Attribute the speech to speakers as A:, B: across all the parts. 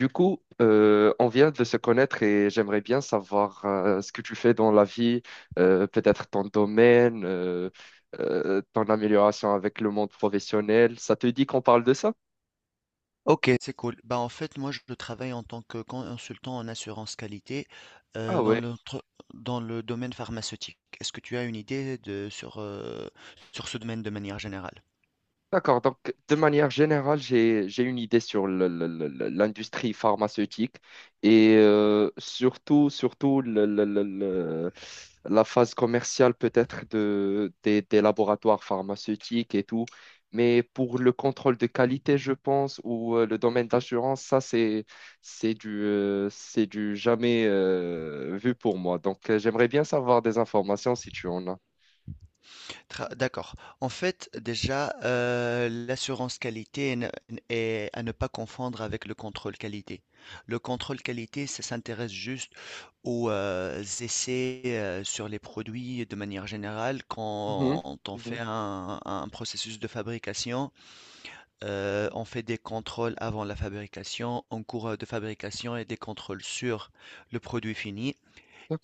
A: Du coup, on vient de se connaître et j'aimerais bien savoir ce que tu fais dans la vie, peut-être ton domaine, ton amélioration avec le monde professionnel. Ça te dit qu'on parle de ça?
B: Ok, c'est cool. Bah, en fait, moi, je travaille en tant que consultant en assurance qualité
A: Ah
B: dans
A: ouais.
B: dans le domaine pharmaceutique. Est-ce que tu as une idée sur ce domaine de manière générale?
A: D'accord, donc de manière générale, j'ai une idée sur l'industrie pharmaceutique et surtout, surtout la phase commerciale peut-être des laboratoires pharmaceutiques et tout. Mais pour le contrôle de qualité, je pense, ou le domaine d'assurance, ça, c'est du jamais vu pour moi. Donc, j'aimerais bien savoir des informations si tu en as.
B: D'accord. En fait, déjà, l'assurance qualité est à ne pas confondre avec le contrôle qualité. Le contrôle qualité, ça s'intéresse juste aux essais sur les produits de manière générale
A: Mhm,
B: quand on fait
A: mhm.
B: un processus de fabrication. On fait des contrôles avant la fabrication, en cours de fabrication et des contrôles sur le produit fini.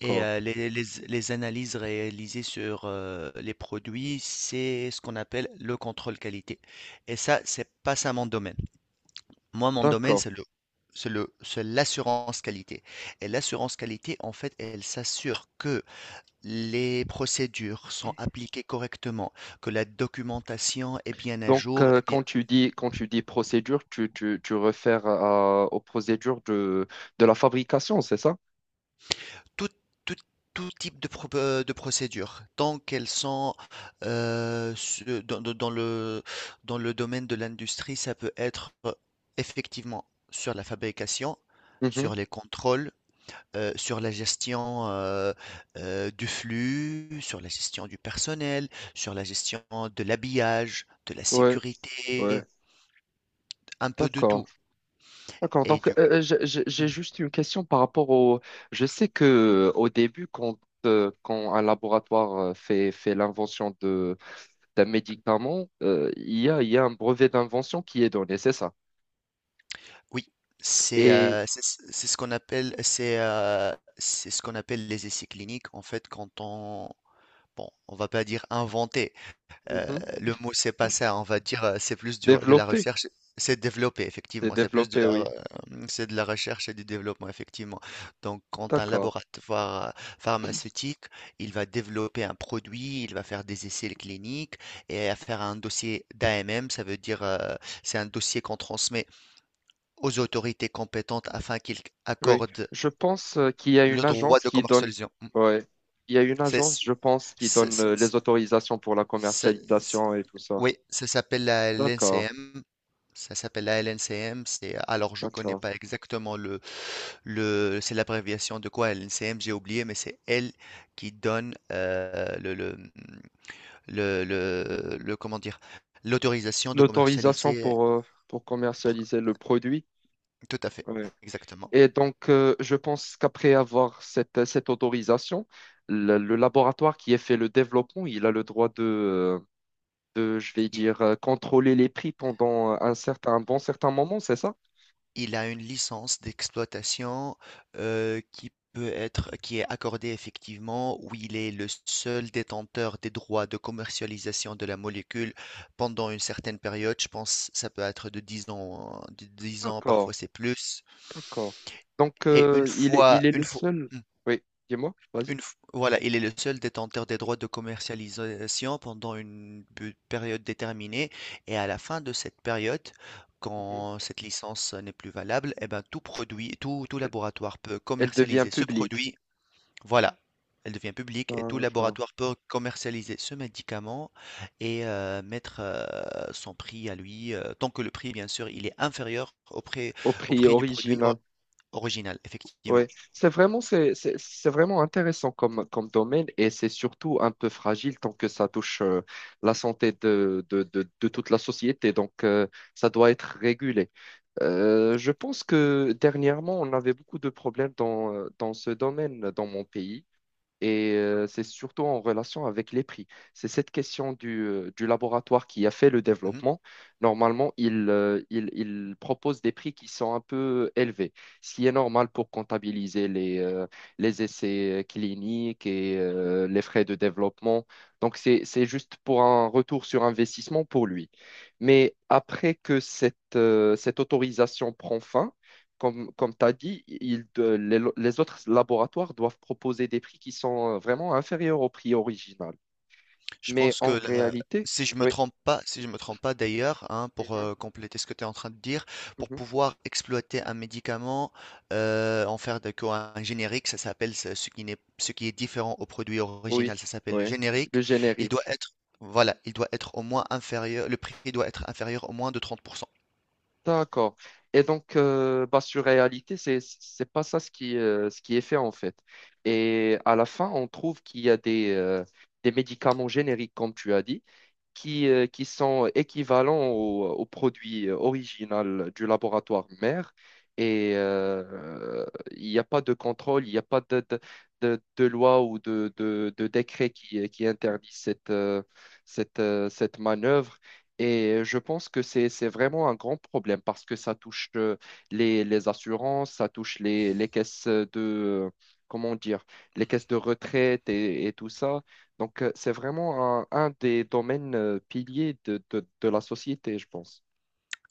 B: Et les analyses réalisées sur les produits, c'est ce qu'on appelle le contrôle qualité. Et ça, c'est pas ça mon domaine. Moi, mon domaine,
A: d'accord.
B: c'est l'assurance qualité. Et l'assurance qualité, en fait, elle s'assure que les procédures sont appliquées correctement, que la documentation est bien à
A: Donc,
B: jour,
A: quand tu dis procédure, tu refères aux procédures de la fabrication, c'est ça?
B: tout, tout, tout type de procédure, tant qu'elles sont euh, su- dans, dans- dans le, dans le domaine de l'industrie, ça peut être effectivement sur la fabrication,
A: Mhm.
B: sur les contrôles, sur la gestion du flux, sur la gestion du personnel, sur la gestion de l'habillage, de la
A: Ouais, ouais.
B: sécurité, un peu de
A: D'accord,
B: tout.
A: d'accord.
B: Et
A: Donc,
B: du
A: j'ai juste une question par rapport au. Je sais que au début, quand un laboratoire fait l'invention d'un médicament, il y a un brevet d'invention qui est donné, c'est ça.
B: Oui,
A: Et.
B: c'est ce qu'on appelle les essais cliniques. En fait, quand on bon, on va pas dire inventer. euh,
A: Mhm.
B: le mot c'est pas ça. On va dire c'est plus de la
A: Développé,
B: recherche. C'est développer,
A: c'est
B: effectivement. C'est plus de
A: développé,
B: la
A: oui.
B: re- euh, c'est de la recherche et du développement, effectivement. Donc, quand un
A: D'accord.
B: laboratoire pharmaceutique, il va développer un produit, il va faire des essais cliniques et à faire un dossier d'AMM, ça veut dire c'est un dossier qu'on transmet aux autorités compétentes afin qu'ils
A: Oui,
B: accordent
A: je pense qu'il y a une
B: le droit
A: agence
B: de
A: qui donne,
B: commercialisation. Mm.
A: ouais, il y a une
B: C'est,
A: agence,
B: c'est-
A: je pense, qui
B: c'est-
A: donne
B: c'est-
A: les autorisations pour la
B: c'est-
A: commercialisation et tout ça.
B: oui, ça s'appelle la
A: D'accord,
B: LNCM. Ça s'appelle la LNCM. Alors, je connais
A: d'accord.
B: pas exactement c'est l'abréviation de quoi LNCM, j'ai oublié, mais c'est elle qui donne comment dire, l'autorisation de
A: L'autorisation
B: commercialiser.
A: pour
B: pour-
A: commercialiser le produit.
B: Tout à fait,
A: Ouais.
B: exactement.
A: Et donc, je pense qu'après avoir cette, cette autorisation, le laboratoire qui a fait le développement, il a le droit de, je vais dire, contrôler les prix pendant un certain, un bon certain moment, c'est ça?
B: Il a une licence d'exploitation qui peut être, qui est accordée effectivement, où il est le seul détenteur des droits de commercialisation de la molécule pendant une certaine période. Je pense que ça peut être de 10 ans, hein, de 10 ans, parfois
A: D'accord,
B: c'est plus.
A: d'accord. Donc,
B: Et une
A: il est,
B: fois,
A: il est
B: une
A: le
B: fois,
A: seul. Oui, dis-moi, vas-y.
B: une f- voilà, il est le seul détenteur des droits de commercialisation pendant une période déterminée et à la fin de cette période,
A: Mhm.
B: quand cette licence n'est plus valable, eh ben, tout
A: Elle,
B: laboratoire peut
A: elle devient
B: commercialiser ce
A: publique.
B: produit. Voilà, elle devient publique et tout
A: D'accord.
B: laboratoire peut commercialiser ce médicament et mettre son prix à lui, tant que le prix, bien sûr, il est inférieur au prix,
A: Au
B: au
A: prix
B: prix du produit
A: original.
B: original,
A: Oui,
B: effectivement.
A: c'est vraiment intéressant comme domaine et c'est surtout un peu fragile tant que ça touche la santé de toute la société. Donc, ça doit être régulé. Je pense que dernièrement, on avait beaucoup de problèmes dans ce domaine, dans mon pays. Et c'est surtout en relation avec les prix. C'est cette question du laboratoire qui a fait le
B: Mhm.
A: développement. Normalement, il propose des prix qui sont un peu élevés, ce qui est normal pour comptabiliser les essais cliniques et les frais de développement. Donc, c'est juste pour un retour sur investissement pour lui. Mais après que cette, cette autorisation prend fin, comme tu as dit, les autres laboratoires doivent proposer des prix qui sont vraiment inférieurs au prix original.
B: Je
A: Mais
B: pense que
A: en
B: là,
A: réalité,
B: si je me
A: oui.
B: trompe pas, si je me trompe pas d'ailleurs, hein, pour
A: Mhm,
B: compléter ce que tu es en train de dire, pour
A: mhm.
B: pouvoir exploiter un médicament, en faire de quoi un générique, ça s'appelle ce qui n'est, ce qui est différent au produit
A: Oui,
B: original, ça s'appelle le
A: oui,
B: générique.
A: le
B: Il doit
A: générique.
B: être, voilà, il doit être au moins inférieur, le prix doit être inférieur au moins de 30%.
A: D'accord. Et donc, bah, sur réalité, c'est pas ça ce qui est fait en fait. Et à la fin, on trouve qu'il y a des médicaments génériques, comme tu as dit, qui sont équivalents au produit original du laboratoire mère. Et il n'y a pas de contrôle, il n'y a pas de loi ou de décret qui interdit cette, cette manœuvre. Et je pense que c'est vraiment un grand problème parce que ça touche les assurances, ça touche les caisses comment dire, les caisses de retraite et tout ça. Donc, c'est vraiment un des domaines piliers de la société, je pense.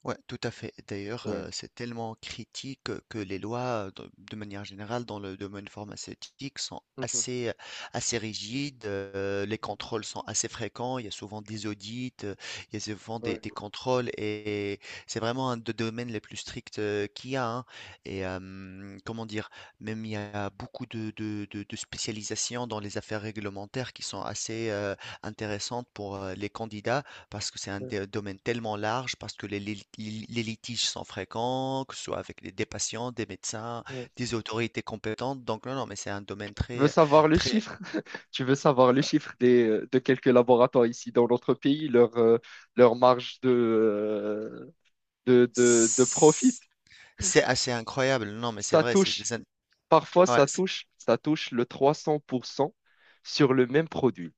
B: Ouais, tout à fait. D'ailleurs,
A: Ouais.
B: c'est tellement critique que les lois, de manière générale, dans le domaine pharmaceutique, sont
A: Mhm.
B: assez rigides. Les
A: Mhm.
B: contrôles sont assez fréquents. Il y a souvent des audits, il y a souvent des,
A: Ouais,
B: des contrôles, et c'est vraiment un des domaines les plus stricts qu'il y a. Hein. Et comment dire, même il y a beaucoup de spécialisations dans les affaires réglementaires qui sont assez intéressantes pour les candidats parce que c'est un
A: ouais,
B: domaine tellement large, parce que les litiges sont fréquents, que ce soit avec des patients, des médecins,
A: ouais.
B: des autorités compétentes. Donc, non, non, mais c'est un domaine
A: Tu veux
B: très,
A: savoir le
B: très,
A: chiffre? Tu veux savoir le
B: euh,
A: chiffre de quelques laboratoires ici dans notre pays, leur marge de profit?
B: c'est assez incroyable. Non, mais c'est
A: Ça
B: vrai,
A: touche, parfois
B: ouais,
A: ça touche, ça touche le 300% sur le même produit.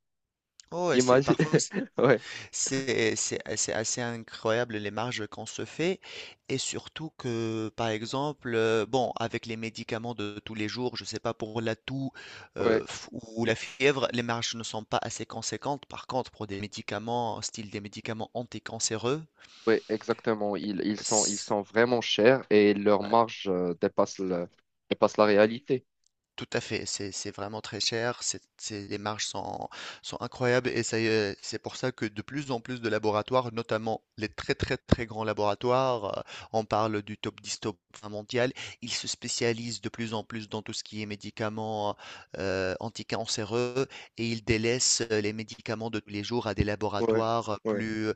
B: oh, ouais, c'est
A: Imagine.
B: parfois.
A: Ouais,
B: C'est assez incroyable les marges qu'on se fait et surtout que par exemple bon, avec les médicaments de tous les jours, je sais pas, pour la toux
A: ouais.
B: ou la fièvre, les marges ne sont pas assez conséquentes, par contre pour des médicaments style des médicaments anticancéreux.
A: Oui, exactement. Ils sont vraiment chers et leur marge dépasse la réalité.
B: Tout à fait, c'est vraiment très cher, les marges sont incroyables et ça y est, c'est pour ça que de plus en plus de laboratoires, notamment les très très très grands laboratoires, on parle du top 10, top 20 mondial, ils se spécialisent de plus en plus dans tout ce qui est médicaments anticancéreux et ils délaissent les médicaments de tous les jours à des
A: Ouais,
B: laboratoires
A: ouais.
B: plus euh,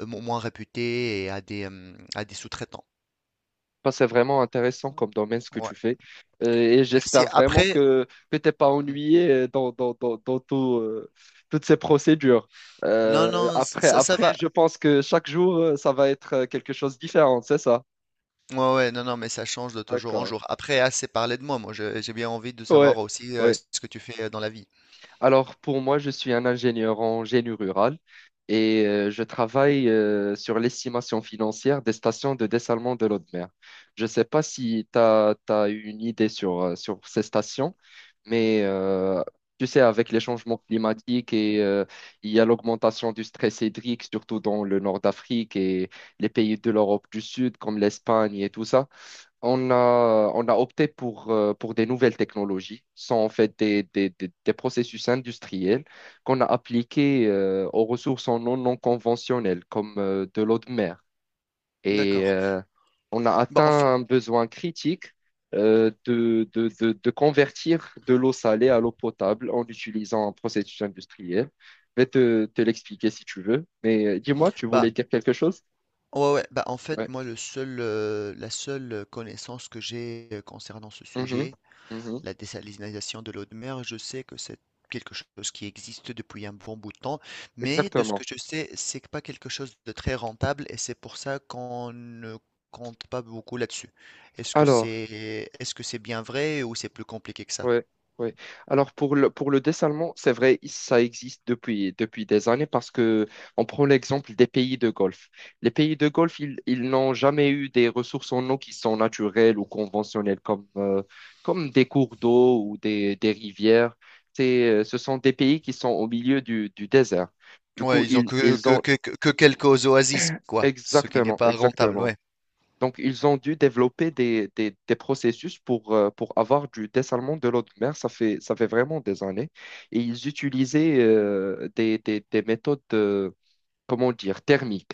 B: mo- moins réputés et à des sous-traitants.
A: Bah, c'est vraiment intéressant comme domaine ce que
B: Ouais,
A: tu fais. Et
B: merci.
A: j'espère vraiment
B: Après,
A: que tu n'es pas
B: hmm,
A: ennuyé toutes ces procédures.
B: non,
A: Euh,
B: non,
A: après,
B: ça
A: après,
B: va.
A: je pense que chaque jour, ça va être quelque chose de différent, c'est ça?
B: Ouais, ouais, non, non, mais ça change de toujours en
A: D'accord.
B: jour. Après, assez parlé de moi. Moi, j'ai bien envie de
A: Ouais,
B: savoir aussi
A: ouais.
B: ce que tu fais dans la vie.
A: Alors, pour moi, je suis un ingénieur en génie rural et je travaille sur l'estimation financière des stations de dessalement de l'eau de mer. Je ne sais pas si tu as une idée sur ces stations, mais tu sais, avec les changements climatiques et il y a l'augmentation du stress hydrique, surtout dans le nord d'Afrique et les pays de l'Europe du Sud, comme l'Espagne et tout ça. On a opté pour des nouvelles technologies. Ce sont en fait des processus industriels qu'on a appliqués aux ressources en eau non conventionnelles, comme de l'eau de mer. Et
B: D'accord.
A: on a
B: Bah,
A: atteint
B: en fa-
A: un besoin critique de convertir de l'eau salée à l'eau potable en utilisant un processus industriel. Je vais te l'expliquer si tu veux. Mais dis-moi, tu
B: bah,
A: voulais dire quelque chose?
B: ouais, ouais, en fait,
A: Ouais.
B: moi, la seule connaissance que j'ai concernant ce
A: Mhm.
B: sujet,
A: Mhm.
B: la désalinisation de l'eau de mer, je sais que c'est quelque chose qui existe depuis un bon bout de temps, mais de ce que
A: Exactement.
B: je sais, c'est pas quelque chose de très rentable et c'est pour ça qu'on ne compte pas beaucoup là-dessus. Est-ce que
A: Alors.
B: c'est, est-ce que c'est bien vrai ou c'est plus compliqué que ça?
A: Ouais, ouais. Alors pour le dessin allemand, c'est vrai, ça existe depuis des années parce que on prend l'exemple des pays de Golfe. Les pays de Golfe, ils n'ont jamais eu des ressources en eau qui sont naturelles ou conventionnelles comme des cours d'eau ou des rivières. Ce sont des pays qui sont au milieu du désert. Du coup,
B: Ouais, ils ont
A: ils, ils ont
B: quelques oasis, quoi, ce qui n'est
A: exactement,
B: pas rentable,
A: exactement.
B: ouais.
A: Donc, ils ont dû développer des processus pour avoir du dessalement de l'eau de mer. Ça fait vraiment des années. Et ils utilisaient des méthodes comment dire, thermique.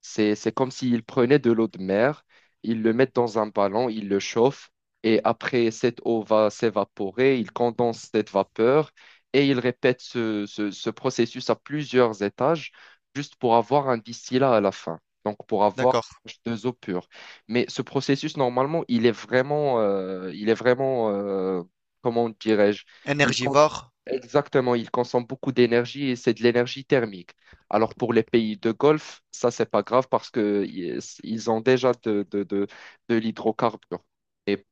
A: C'est comme s'ils prenaient de l'eau de mer, ils le mettent dans un ballon, ils le chauffent, et après, cette eau va s'évaporer, ils condensent cette vapeur, et ils répètent ce processus à plusieurs étages, juste pour avoir un distillat à la fin, donc pour avoir
B: D'accord.
A: H2O pur. Mais ce processus, normalement, comment dirais-je, il cons-
B: Énergivore,
A: exactement, il consomme beaucoup d'énergie et c'est de l'énergie thermique. Alors pour les pays de Golfe, ça, c'est pas grave parce que ils ont déjà de l'hydrocarbure. Et pour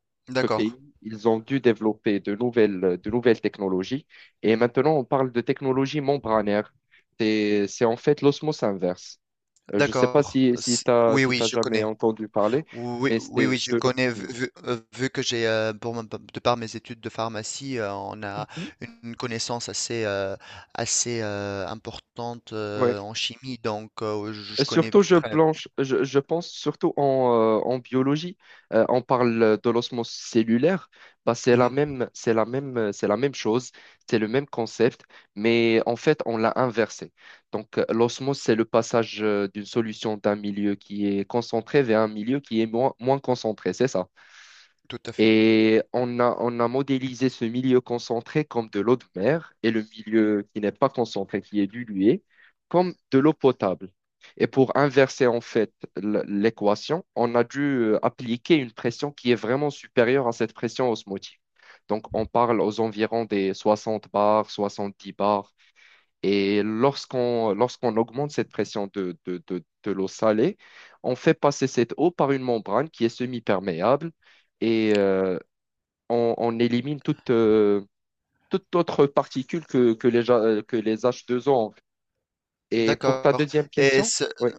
A: ce
B: d'accord.
A: pays, ils ont dû développer de nouvelles technologies. Et maintenant, on parle de technologie membranaire. C'est en fait l'osmose inverse. Je ne sais pas
B: D'accord.
A: si, si tu as,
B: Oui,
A: si
B: oui,
A: t'as
B: je
A: jamais
B: connais.
A: entendu parler,
B: Oui,
A: mais
B: oui, oui,
A: c'est
B: je
A: de... l'o-
B: connais, vu que de par mes études de pharmacie, on a
A: Mhm.
B: une connaissance assez importante
A: Ouais.
B: en chimie, donc je je connais à
A: Surtout,
B: peu
A: je,
B: près.
A: planche, je, je pense surtout en biologie. On parle de l'osmose cellulaire. Bah, c'est la
B: Mhm,
A: même, c'est la même, c'est la même chose, c'est le même concept, mais en fait, on l'a inversé. Donc, l'osmose, c'est le passage d'une solution d'un milieu qui est concentré vers un milieu qui est moins concentré, c'est ça?
B: tout à fait.
A: Et on a modélisé ce milieu concentré comme de l'eau de mer et le milieu qui n'est pas concentré, qui est dilué, comme de l'eau potable. Et pour inverser en fait l'équation, on a dû appliquer une pression qui est vraiment supérieure à cette pression osmotique. Donc on parle aux environs des 60 bars, 70 bars. Et lorsqu'on augmente cette pression de l'eau salée, on fait passer cette eau par une membrane qui est semi-perméable. Et on élimine toute, toute autre particule que les H2O, en fait. Et pour ta
B: D'accord.
A: deuxième
B: Et
A: question, oui,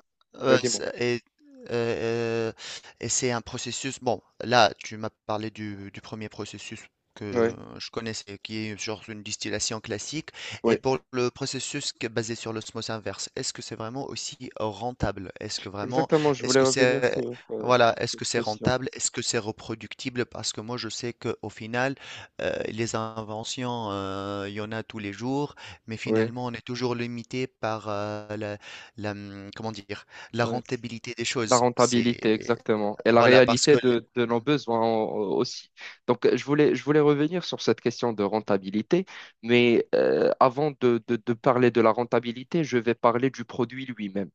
A: oui, dis-moi.
B: C'est heu, et c'est un processus, bon, là, tu m'as parlé du un processus que
A: Oui,
B: je connaissais, qui est genre une distillation classique. Et
A: oui,
B: pour le processus qui est basé sur l'osmose inverse, est-ce que c'est vraiment aussi rentable? Est-ce que vraiment
A: exactement. Je
B: est-ce
A: voulais
B: que
A: revenir
B: c'est
A: sur
B: voilà, est-ce
A: cette
B: que c'est
A: question.
B: rentable? Est-ce que c'est reproductible? Parce que moi, je sais qu'au final, les inventions, il y en a tous les jours, mais
A: Oui,
B: finalement, on est toujours limité par, la, comment dire? La
A: oui.
B: rentabilité des
A: La
B: choses,
A: rentabilité,
B: c'est
A: exactement. Et la
B: voilà parce
A: réalité
B: que
A: de nos
B: Mm,
A: besoins aussi. Donc, je voulais revenir sur cette question de rentabilité, mais avant de parler de la rentabilité, je vais parler du produit lui-même.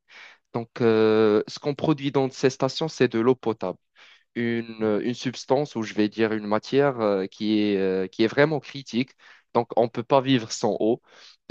A: Donc, ce qu'on produit dans ces stations, c'est de l'eau potable, une substance ou je vais dire une matière qui est vraiment critique. Donc, on ne peut pas vivre sans eau.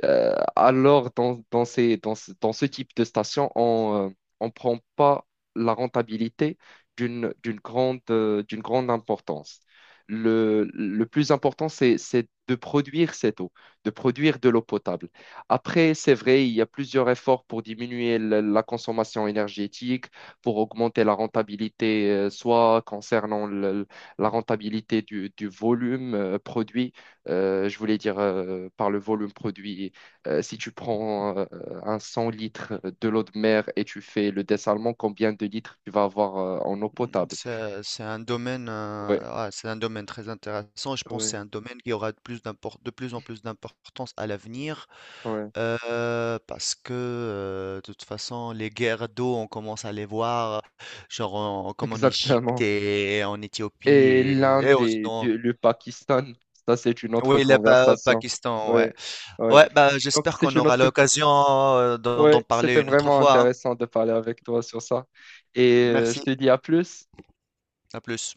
A: Alors, dans ce type de station, on ne prend pas la rentabilité d'une grande importance. Le plus important, c'est de produire cette eau, de produire de l'eau potable. Après, c'est vrai, il y a plusieurs efforts pour diminuer la consommation énergétique, pour augmenter la rentabilité, soit concernant la rentabilité du volume produit, je voulais dire par le volume produit, si tu prends un 100 litres de l'eau de mer et tu fais le dessalement, combien de litres tu vas avoir en eau
B: mm,
A: potable?
B: c'est un domaine, euh,
A: Ouais,
B: ah, c'est un domaine très intéressant. Je pense que
A: ouais,
B: c'est un domaine qui aura de plus en plus d'importance à l'avenir
A: ouais,
B: parce que de toute façon les guerres d'eau, on commence à les voir, genre comme en Égypte
A: exactement.
B: et en Éthiopie
A: Et
B: et,
A: l'Inde
B: et au
A: et
B: Soudan.
A: le Pakistan, ça c'est une autre
B: Oui, le
A: conversation.
B: Pakistan, ouais.
A: Ouais, ouais.
B: Ouais, bah
A: Donc
B: j'espère
A: c'est
B: qu'on
A: une
B: aura
A: autre.
B: l'occasion d'en
A: Ouais, c'était
B: parler une autre
A: vraiment
B: fois. Hein.
A: intéressant de parler avec toi sur ça. Et je
B: Merci,
A: te dis à plus.
B: à plus.